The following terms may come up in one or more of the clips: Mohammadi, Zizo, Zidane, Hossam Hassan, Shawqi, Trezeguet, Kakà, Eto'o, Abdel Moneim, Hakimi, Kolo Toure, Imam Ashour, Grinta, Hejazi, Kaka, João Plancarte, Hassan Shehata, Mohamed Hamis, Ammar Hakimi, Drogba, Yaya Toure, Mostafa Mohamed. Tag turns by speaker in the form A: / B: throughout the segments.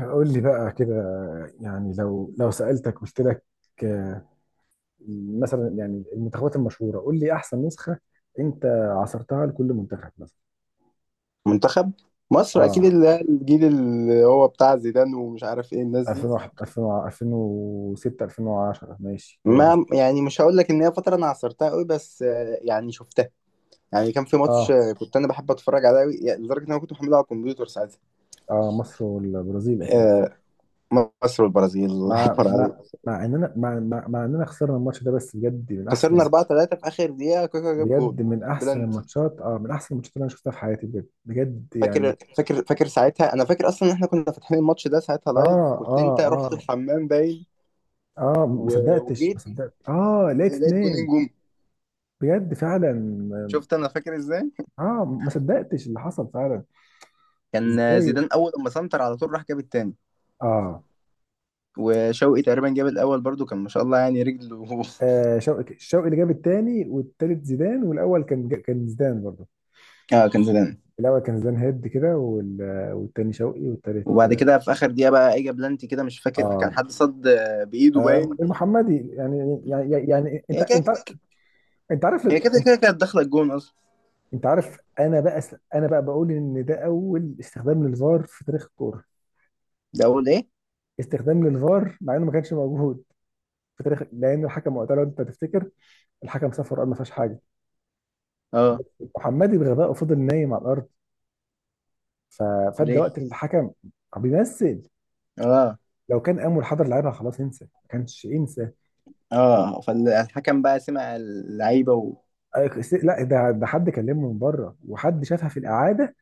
A: قول لي بقى كده. يعني لو سألتك قلت لك، آه، مثلا يعني المنتخبات المشهورة، قول لي أحسن نسخة أنت عصرتها لكل منتخب مثلا.
B: منتخب مصر اكيد
A: اه
B: اللي الجيل اللي هو بتاع زيدان ومش عارف ايه
A: عصر
B: الناس دي.
A: 2001، 2000، 2006، 2010، ماشي هو ده.
B: ما يعني مش هقول لك ان هي فتره انا عصرتها قوي، بس يعني شفتها. يعني كان في ماتش
A: اه
B: كنت انا بحب اتفرج عليه قوي، يعني لدرجه ان انا كنت محمله على الكمبيوتر ساعتها.
A: اه، مصر والبرازيل أكيد.
B: آه، مصر والبرازيل الله
A: مع
B: يكبر عليك.
A: مع مع إننا خسرنا الماتش ده، بس
B: خسرنا 4-3 في اخر دقيقه، كاكا جاب
A: بجد
B: جون
A: من أحسن
B: بلانتي.
A: الماتشات، من أحسن الماتشات اللي أنا شفتها في حياتي، بجد بجد يعني.
B: فاكر ساعتها، انا فاكر اصلا ان احنا كنا فاتحين الماتش ده ساعتها
A: اه
B: لايف، كنت انت
A: اه
B: رحت
A: آه.
B: الحمام باين.
A: اه، ما صدقتش
B: وجيت
A: ما صدقت اه لقيت
B: لقيت جونين
A: اتنين.
B: جم.
A: بجد فعلا.
B: شفت؟ انا فاكر ازاي.
A: اه، ما صدقتش اللي حصل فعلا.
B: كان
A: ازاي؟
B: زيدان اول لما سنتر على طول راح جاب التاني.
A: اه,
B: وشوقي تقريبا جاب الاول برضو، كان ما شاء الله يعني رجله
A: شوقي، الشوقي اللي جاب التاني والتالت، زيدان. والاول كان زيدان برضه.
B: اه كان زيدان.
A: الاول كان زيدان هيد كده، والتاني شوقي،
B: وبعد
A: والتالت
B: كده في اخر دقيقه بقى اجى بلانتي كده، مش فاكر كان
A: اه,
B: حد صد بايده باين.
A: المحمدي يعني. يعني انت
B: هي
A: انت
B: كده،
A: انت عارف
B: هي كده كده كانت داخله الجون اصلا.
A: انت عارف انا بقى بقول ان ده اول استخدام للفار في تاريخ الكوره،
B: ده اول ايه؟
A: استخدام للفار، مع انه ما كانش موجود في تاريخ. لان الحكم وقتها، لو انت تفتكر، الحكم سافر وقال ما فيهاش حاجه.
B: اه.
A: محمدي بغبائه فضل نايم على الارض. ف- فادى
B: ليه؟
A: وقت الحكم بيمثل.
B: اه
A: لو كان قام والحضر لعبها، خلاص انسى، ما كانش انسى.
B: اه، فالحكم بقى سمع اللعيبه
A: لا، ده حد كلمه من بره، وحد شافها في الاعاده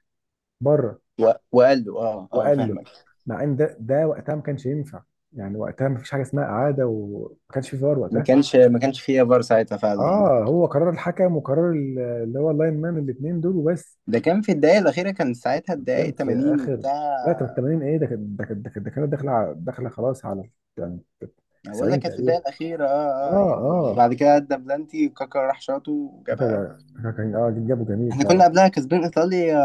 A: بره،
B: وقال له اه اه
A: وقال له.
B: فاهمك.
A: مع ان ده وقتها ما كانش ينفع، يعني وقتها ما فيش حاجه اسمها اعاده، وما كانش في فار
B: ما
A: وقتها.
B: كانش ما كانش فيها فار ساعتها فعلا يعني.
A: اه، هو قرار الحكم وقرار اللي هو اللاين مان، الاثنين دول وبس.
B: ده كان في الدقايق الاخيره، كان ساعتها
A: كان
B: الدقايق
A: في
B: 80
A: اخر
B: وبتاع.
A: لا، كان 80 ايه ده، كانت داخله خلاص على، يعني
B: أنا بقول لك
A: 90
B: كانت في
A: تقريبا.
B: الدقيقة الأخيرة،
A: اه
B: اه اه يعني،
A: اه،
B: وبعد كده أدى بلانتي وكاكا راح شاطه
A: كاكا
B: وجابها.
A: كاكا كان جابه جميل
B: احنا
A: فعلا.
B: كنا قبلها كسبين إيطاليا،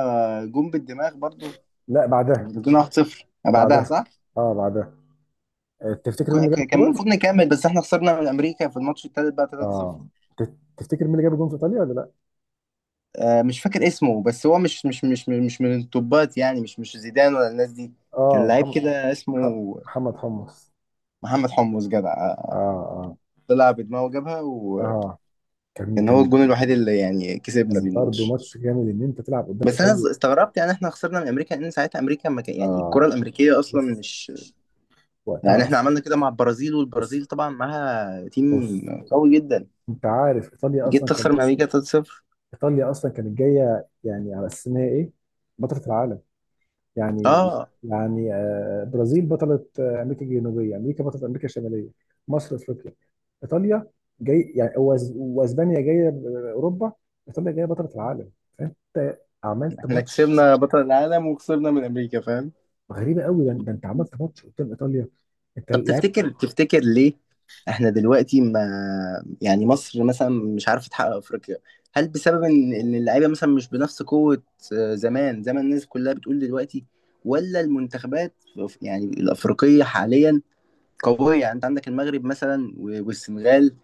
B: جون بالدماغ برضو.
A: لا بعدها.
B: كسبنا 1-0 بعدها صح؟
A: بعدها اه بعدها، تفتكر مين اللي جاب
B: كان
A: الجول؟
B: المفروض نكمل، بس احنا خسرنا من أمريكا في الماتش التالت بقى 3-0.
A: اه، تفتكر مين اللي جاب الجول في ايطاليا ولا لا؟
B: آه، مش فاكر اسمه، بس هو مش من التوبات يعني، مش زيدان ولا الناس دي. كان
A: اه،
B: لعيب
A: محمد،
B: كده اسمه.
A: ح- حمص.
B: محمد حمص، جدع
A: اه
B: آه،
A: اه
B: طلع بدماغه وجابها، وكان
A: اه، كان
B: هو
A: كان
B: الجون الوحيد اللي يعني كسبنا
A: كان
B: بيه
A: برضه
B: الماتش.
A: ماتش جامد، ان انت تلعب قدام
B: بس انا
A: ايطاليا.
B: استغربت يعني احنا خسرنا من امريكا، لان ساعتها امريكا ما كان يعني الكره
A: اه،
B: الامريكيه اصلا
A: بص،
B: مش. يعني
A: وقتها
B: احنا
A: اصلا.
B: عملنا كده مع البرازيل،
A: بص
B: والبرازيل طبعا معاها تيم
A: بص،
B: قوي جدا،
A: انت عارف، ايطاليا
B: جيت
A: اصلا،
B: تخسر من امريكا 3-0.
A: كانت جايه يعني على اساس ان هي ايه، بطله العالم يعني
B: اه
A: يعني برازيل بطله، امريكا الجنوبيه، امريكا بطله امريكا الشماليه، مصر افريقيا، ايطاليا جاي يعني، واسبانيا جايه اوروبا، ايطاليا جايه بطله العالم. فانت عملت
B: احنا
A: ماتش
B: كسبنا بطل العالم وخسرنا من امريكا، فاهم؟
A: غريبه قوي. ده انت عملت ماتش قدام ايطاليا، انت
B: طب
A: لعبت.
B: تفتكر، تفتكر ليه؟ احنا دلوقتي ما، يعني مصر مثلا مش عارفه تحقق افريقيا؟ هل بسبب ان إن اللعيبه مثلا مش بنفس قوه زمان زي ما الناس كلها بتقول دلوقتي، ولا المنتخبات يعني الافريقيه حاليا قوية؟ يعني انت عندك المغرب مثلا والسنغال،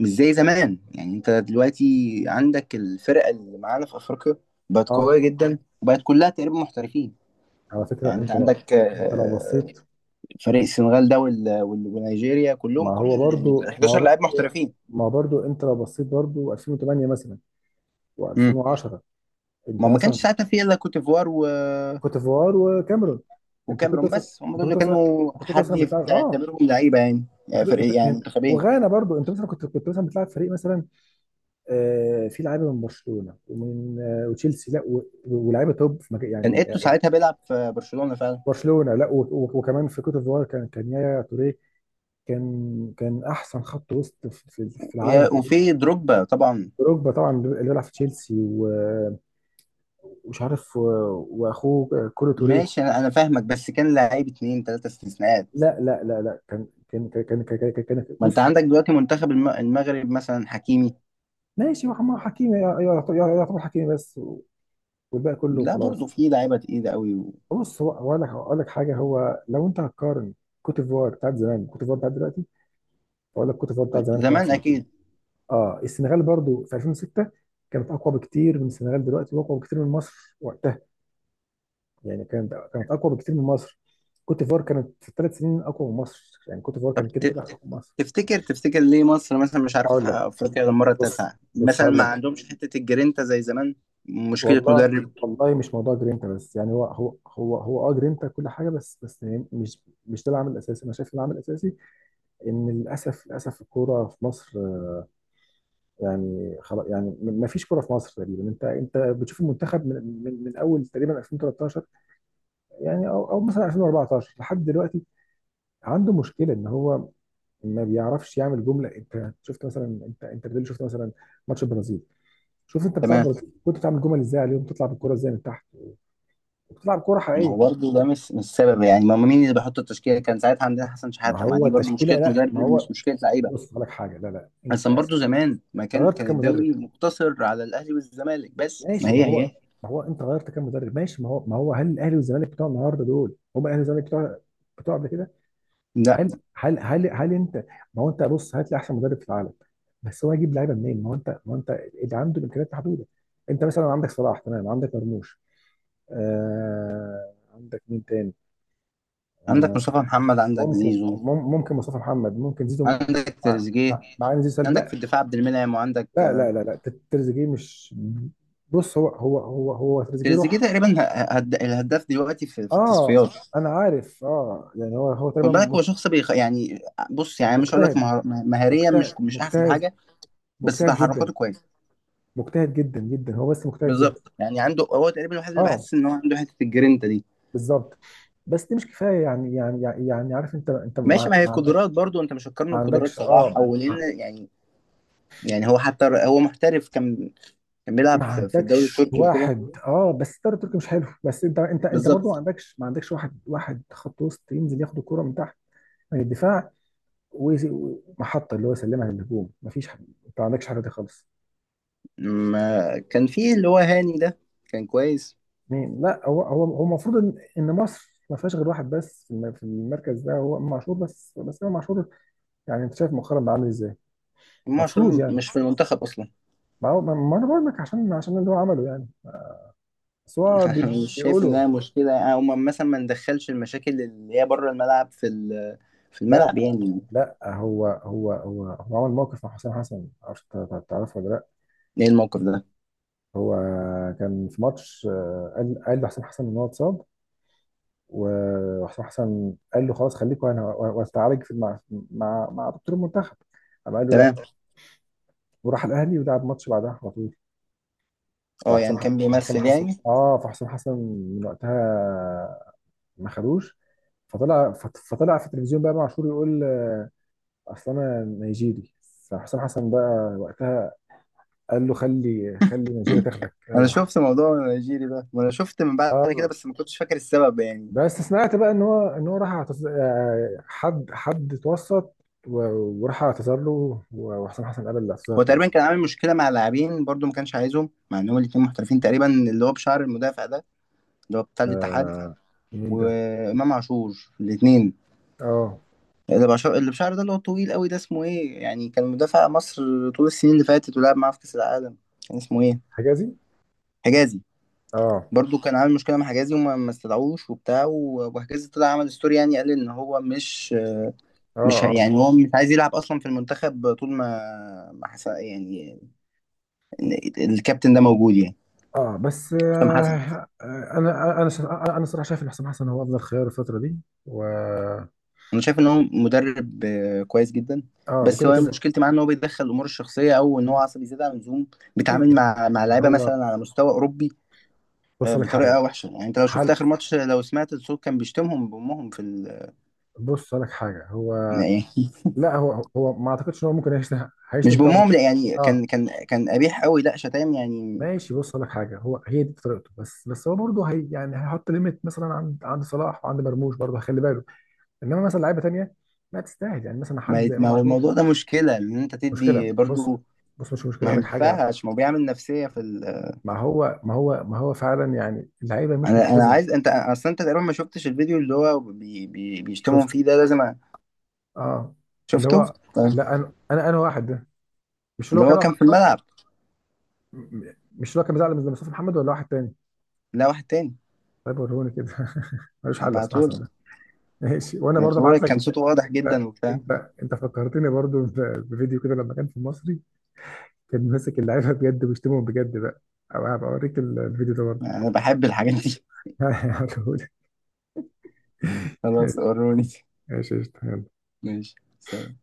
B: مش زي زمان. يعني انت دلوقتي عندك الفرقة اللي معانا في افريقيا بقت
A: اه،
B: قوية جدا، وبقت كلها تقريبا محترفين.
A: على فكره،
B: يعني انت عندك
A: انت لو بصيت.
B: فريق السنغال ده ونيجيريا،
A: ما
B: كلهم، كل
A: هو
B: ال
A: برضو ما هو
B: 11
A: برضو
B: لاعب محترفين.
A: ما هو برضو، انت لو بصيت برضو 2008 مثلا
B: مم.
A: و2010. انت
B: ما ما
A: مثلا،
B: كانش ساعتها في الا كوت ديفوار
A: كوت ديفوار وكاميرون. انت كنت
B: وكاميرون
A: مثلا
B: بس، هم دول
A: انت كنت
B: اللي
A: مثلا
B: كانوا
A: انت كنت
B: حد
A: مثلا بتلعب
B: يعتبرهم لعيبة يعني،
A: انت
B: يعني
A: كنت...
B: فرق،
A: انت...
B: يعني
A: انت...
B: منتخبين.
A: وغانا برضو. انت مثلا، كنت مثلا بتلعب فريق مثلا. فيه لعيبه من برشلونه، وتشيلسي، لا و... ولاعيبه توب في مجال يعني،
B: كان ايتو
A: يعني.
B: ساعتها بيلعب في برشلونة فعلا.
A: برشلونه، لا و... و... وكمان في كوت ديفوار كان، يايا توريه. كان احسن خط وسط في العالم تقريبا.
B: وفي دروجبا طبعا.
A: دروجبا طبعا اللي بيلعب في تشيلسي، ومش عارف، واخوه كولو توريه.
B: ماشي، انا فاهمك بس كان لعيب اتنين تلاتة استثناءات.
A: لا لا لا لا،
B: ما انت
A: بص.
B: عندك دلوقتي منتخب المغرب مثلا، حكيمي.
A: ماشي، هو عمار حكيمي، يعتبر حكيمي بس، والباقي كله
B: لا برضه
A: خلاص.
B: في لعيبه تقيله قوي. و...
A: بص، هو، اقول لك حاجه. هو لو انت هتقارن كوت ديفوار بتاعت زمان، كوت ديفوار بتاعت دلوقتي، اقول لك كوت ديفوار بتاعت زمان كان
B: زمان
A: احسن بكتير.
B: اكيد.
A: اه، السنغال برضو في 2006 كانت اقوى بكتير من السنغال دلوقتي، واقوى بكتير من مصر وقتها. يعني كانت، اقوى بكتير من مصر. كوت ديفوار كانت في ثلاث سنين اقوى من مصر، يعني كوت ديفوار
B: طب
A: كانت كده كده اقوى من مصر.
B: تفتكر، تفتكر ليه مصر مثلا مش عارفه
A: اقول
B: تحقق
A: لك،
B: افريقيا للمره
A: بص
B: التاسعه
A: بص،
B: مثلا؟
A: هقول
B: ما
A: لك،
B: عندهمش حته الجرينتا زي زمان. مشكله
A: والله.
B: مدرب؟
A: والله، مش موضوع جرينتا بس يعني. هو جرينتا كل حاجه، بس بس يعني، مش، ده العامل الاساسي. انا شايف العامل الاساسي ان للاسف، للاسف، الكوره في مصر، يعني خلاص يعني ما فيش كوره في مصر تقريبا. انت بتشوف المنتخب، من اول تقريبا 2013، يعني او، مثلا 2014، لحد دلوقتي عنده مشكله ان هو ما بيعرفش يعمل جمله. انت شفت مثلا، انت بتقول، شفت مثلا ماتش البرازيل. شوف، انت
B: تمام.
A: بتلعب، كنت بتعمل جمل ازاي عليهم، تطلع بالكوره ازاي من تحت، وبتلعب كوره
B: ما هو
A: حقيقيه.
B: برضه ده مش السبب يعني. ما هو مين اللي بيحط التشكيله؟ كان ساعتها عندنا حسن
A: ما
B: شحاته، ما
A: هو
B: دي برضه
A: التشكيله.
B: مشكله
A: لا،
B: مدرب
A: ما هو
B: مش مشكله لعيبه.
A: بص، هقول لك حاجه. لا لا،
B: اصلا
A: أنت
B: برضه زمان ما كان،
A: غيرت كام مدرب؟
B: الدوري مقتصر على الاهلي والزمالك بس، ما
A: ماشي.
B: هي هي
A: ما هو انت غيرت كام مدرب؟ ماشي. ما هو، هل الاهلي والزمالك بتوع النهارده دول هم الاهلي والزمالك بتوع بتوع قبل كده؟
B: لا.
A: هل هل انت؟ ما هو انت، بص، هات لي احسن مدرب في العالم، بس هو هيجيب لعيبه منين؟ ما هو انت، اللي عنده الامكانيات محدوده. انت مثلا عندك صلاح، تمام، عندك مرموش، آه، عندك مين تاني؟
B: عندك مصطفى محمد، عندك
A: ممكن،
B: زيزو،
A: مصطفى محمد، ممكن زيزو.
B: عندك
A: مع
B: تريزيجيه،
A: مع إن زيزو سلبي.
B: عندك في
A: لا
B: الدفاع عبد المنعم، وعندك
A: لا
B: آه،
A: لا لا لا، تريزيجيه مش، بص، هو، تريزيجيه
B: تريزيجيه
A: روح.
B: تقريبا الهداف دلوقتي في، في
A: اه،
B: التصفيات.
A: انا عارف. اه يعني، هو،
B: خد
A: تقريبا
B: بالك، هو شخص يعني. بص، يعني مش هقول لك
A: مجتهد،
B: مهاريا مش،
A: مجتهد،
B: مش احسن
A: مجتهد،
B: حاجه، بس
A: مجتهد جدا.
B: تحركاته كويسه.
A: مجتهد جدا جدا هو، بس مجتهد جدا.
B: بالظبط، يعني عنده، هو تقريبا الوحيد اللي
A: اه،
B: بحس ان هو عنده حته الجرينتا دي.
A: بالظبط. بس دي مش كفايه يعني، عارف، انت،
B: ماشي، ما هي
A: ما
B: قدرات
A: عندكش،
B: برضو، انت مش هتقارنه
A: ما
B: بقدرات
A: عندكش، اه،
B: صلاح او
A: ما
B: لان يعني. يعني هو حتى هو محترف، كان
A: ما
B: بيلعب في الدوري
A: عندكش
B: التركي وكده.
A: واحد، اه. بس الدوري التركي مش حلو. بس انت، انت برضه ما
B: بالظبط.
A: عندكش، واحد، خط وسط ينزل ياخد الكوره من تحت يعني، الدفاع، ومحطه اللي هو يسلمها للهجوم. مفيش، انت ما عندكش حاجه دي خالص.
B: ما كان فيه اللي هو هاني ده، كان كويس.
A: مين؟ لا، هو، المفروض ان، مصر ما فيهاش غير واحد بس في، في المركز ده، هو إمام عاشور بس، امام عاشور. يعني انت شايف مؤخرا بقى عامل ازاي
B: إمام
A: المفروض
B: عاشور
A: يعني.
B: مش في المنتخب اصلا.
A: ما, هو- ما ما انا بقول لك، عشان، اللي هو عمله يعني. بس هو
B: مش شايف
A: بيقولوا.
B: انها مشكله؟ او مثلا ما ندخلش المشاكل اللي هي بره الملعب، في في
A: لا
B: الملعب يعني.
A: لا، هو عمل موقف مع حسام حسن، معرفش انت تعرفه ولا لا.
B: ايه الموقف ده؟
A: هو كان في ماتش، قال، لحسام حسن ان هو اتصاب، وحسام حسن قال له خلاص خليك، وانا واستعالج مع، دكتور المنتخب. قام قال له
B: تمام.
A: لا، وراح الاهلي ولعب ماتش بعدها على طول.
B: اه
A: فحسام،
B: يعني
A: ح-
B: كان
A: حسام
B: بيمثل
A: حسن
B: يعني.
A: اه فحسام حسن من وقتها ما خدوش. فطلع، فطلع في التلفزيون بقى معشور يقول، اصل انا نيجيري. فحسام حسن بقى وقتها قال له، خلي، نيجيريا تاخدك،
B: انا
A: او
B: شفت موضوع النيجيري ده، وانا شفت من بعد كده،
A: اه.
B: بس ما كنتش فاكر السبب يعني.
A: بس سمعت بقى ان هو، راح اعتذر، حد، اتوسط، وراح اعتذر له، وحسام حسن قبل الاعتذار
B: هو
A: تقريبا.
B: تقريبا كان عامل مشكله مع لاعبين برضو، ما كانش عايزهم مع ان هما الاتنين محترفين تقريبا، اللي هو بشعر المدافع ده اللي هو بتاع الاتحاد،
A: آه، مين ده؟
B: وامام عاشور، الاتنين.
A: اه،
B: اللي بشعر، اللي بشعر ده اللي هو طويل قوي ده، اسمه ايه يعني؟ كان مدافع مصر طول السنين اللي فاتت، ولعب معاه في كأس العالم. كان اسمه ايه؟
A: حجازي؟
B: حجازي.
A: اه
B: برضو كان عامل مشكلة مع حجازي، وما ما استدعوش وبتاع. وحجازي طلع عمل ستوري يعني، قال ان هو مش،
A: اه اه
B: يعني هو مش عايز يلعب اصلا في المنتخب طول ما، ما حسن يعني، الكابتن ده موجود يعني.
A: اه. بس
B: حسام حسن،
A: آه انا، الصراحه شايف ان حسام حسن هو افضل خيار الفتره دي. و
B: انا شايف ان هو مدرب كويس جدا.
A: اه،
B: بس
A: وكده بص
B: هو
A: كده.
B: مشكلتي معاه ان هو بيتدخل الامور الشخصيه، او ان هو عصبي زياده عن اللزوم،
A: ايوه.
B: بيتعامل مع لعيبه
A: هو،
B: مثلا على مستوى اوروبي
A: بص لك حاجه.
B: بطريقه وحشه يعني. انت لو شفت
A: هل،
B: اخر ماتش، لو سمعت الصوت، كان بيشتمهم بامهم في ال،
A: بص لك حاجه. هو،
B: يعني إيه؟
A: لا، هو، هو ما اعتقدش ان هو ممكن هيشتم.
B: مش
A: هيشتم طبعا.
B: بامهم لا، يعني
A: اه،
B: كان كان قبيح قوي، لا شتايم يعني.
A: ماشي، بص اقول لك حاجه. هو هي دي طريقته، بس بس هو برضه هي، يعني هيحط ليميت مثلا عند، صلاح وعند مرموش، برضه هيخلي باله. انما مثلا لعيبه تانيه لا تستاهل، يعني مثلا حد زي
B: ما
A: امام
B: هو
A: عاشور.
B: الموضوع ده مشكله ان انت تدي
A: مشكله، بص،
B: برضو.
A: بص، مش مشكله.
B: ما
A: اقول لك حاجه.
B: ينفعش، ما هو بيعمل نفسيه في ال.
A: ما هو، ما هو فعلا يعني، اللعيبه مش
B: انا
A: ملتزمه.
B: عايز انت اصلا انت تقريبا ما شفتش الفيديو اللي هو بيشتمهم
A: شفت.
B: فيه ده، لازم
A: اه، اللي
B: شفته.
A: هو،
B: طيب.
A: لا، انا، واحد ده مش اللي هو
B: اللي
A: كان
B: هو
A: واقف
B: كان
A: على
B: في
A: الخط.
B: الملعب.
A: مش اللي هو كان بيزعل من مصطفى محمد ولا واحد تاني؟
B: لا، واحد تاني.
A: طيب وروني كده ملوش حل يا اسماء حسن
B: هبعتهولك.
A: ده. ماشي، وانا برضه ابعت
B: هبعتهولك،
A: لك.
B: كان صوته واضح
A: لا،
B: جدا وبتاع.
A: انت، فكرتني برضو بفيديو كده لما كان في المصري، كان ماسك اللعيبه بجد، وبيشتمهم بجد بقى. او هبقى اوريك الفيديو ده برضه.
B: انا بحب الحاجات دي
A: هقولهولك.
B: خلاص،
A: ماشي.
B: وروني.
A: ماشي قشطة. يلا.
B: ماشي. سلام.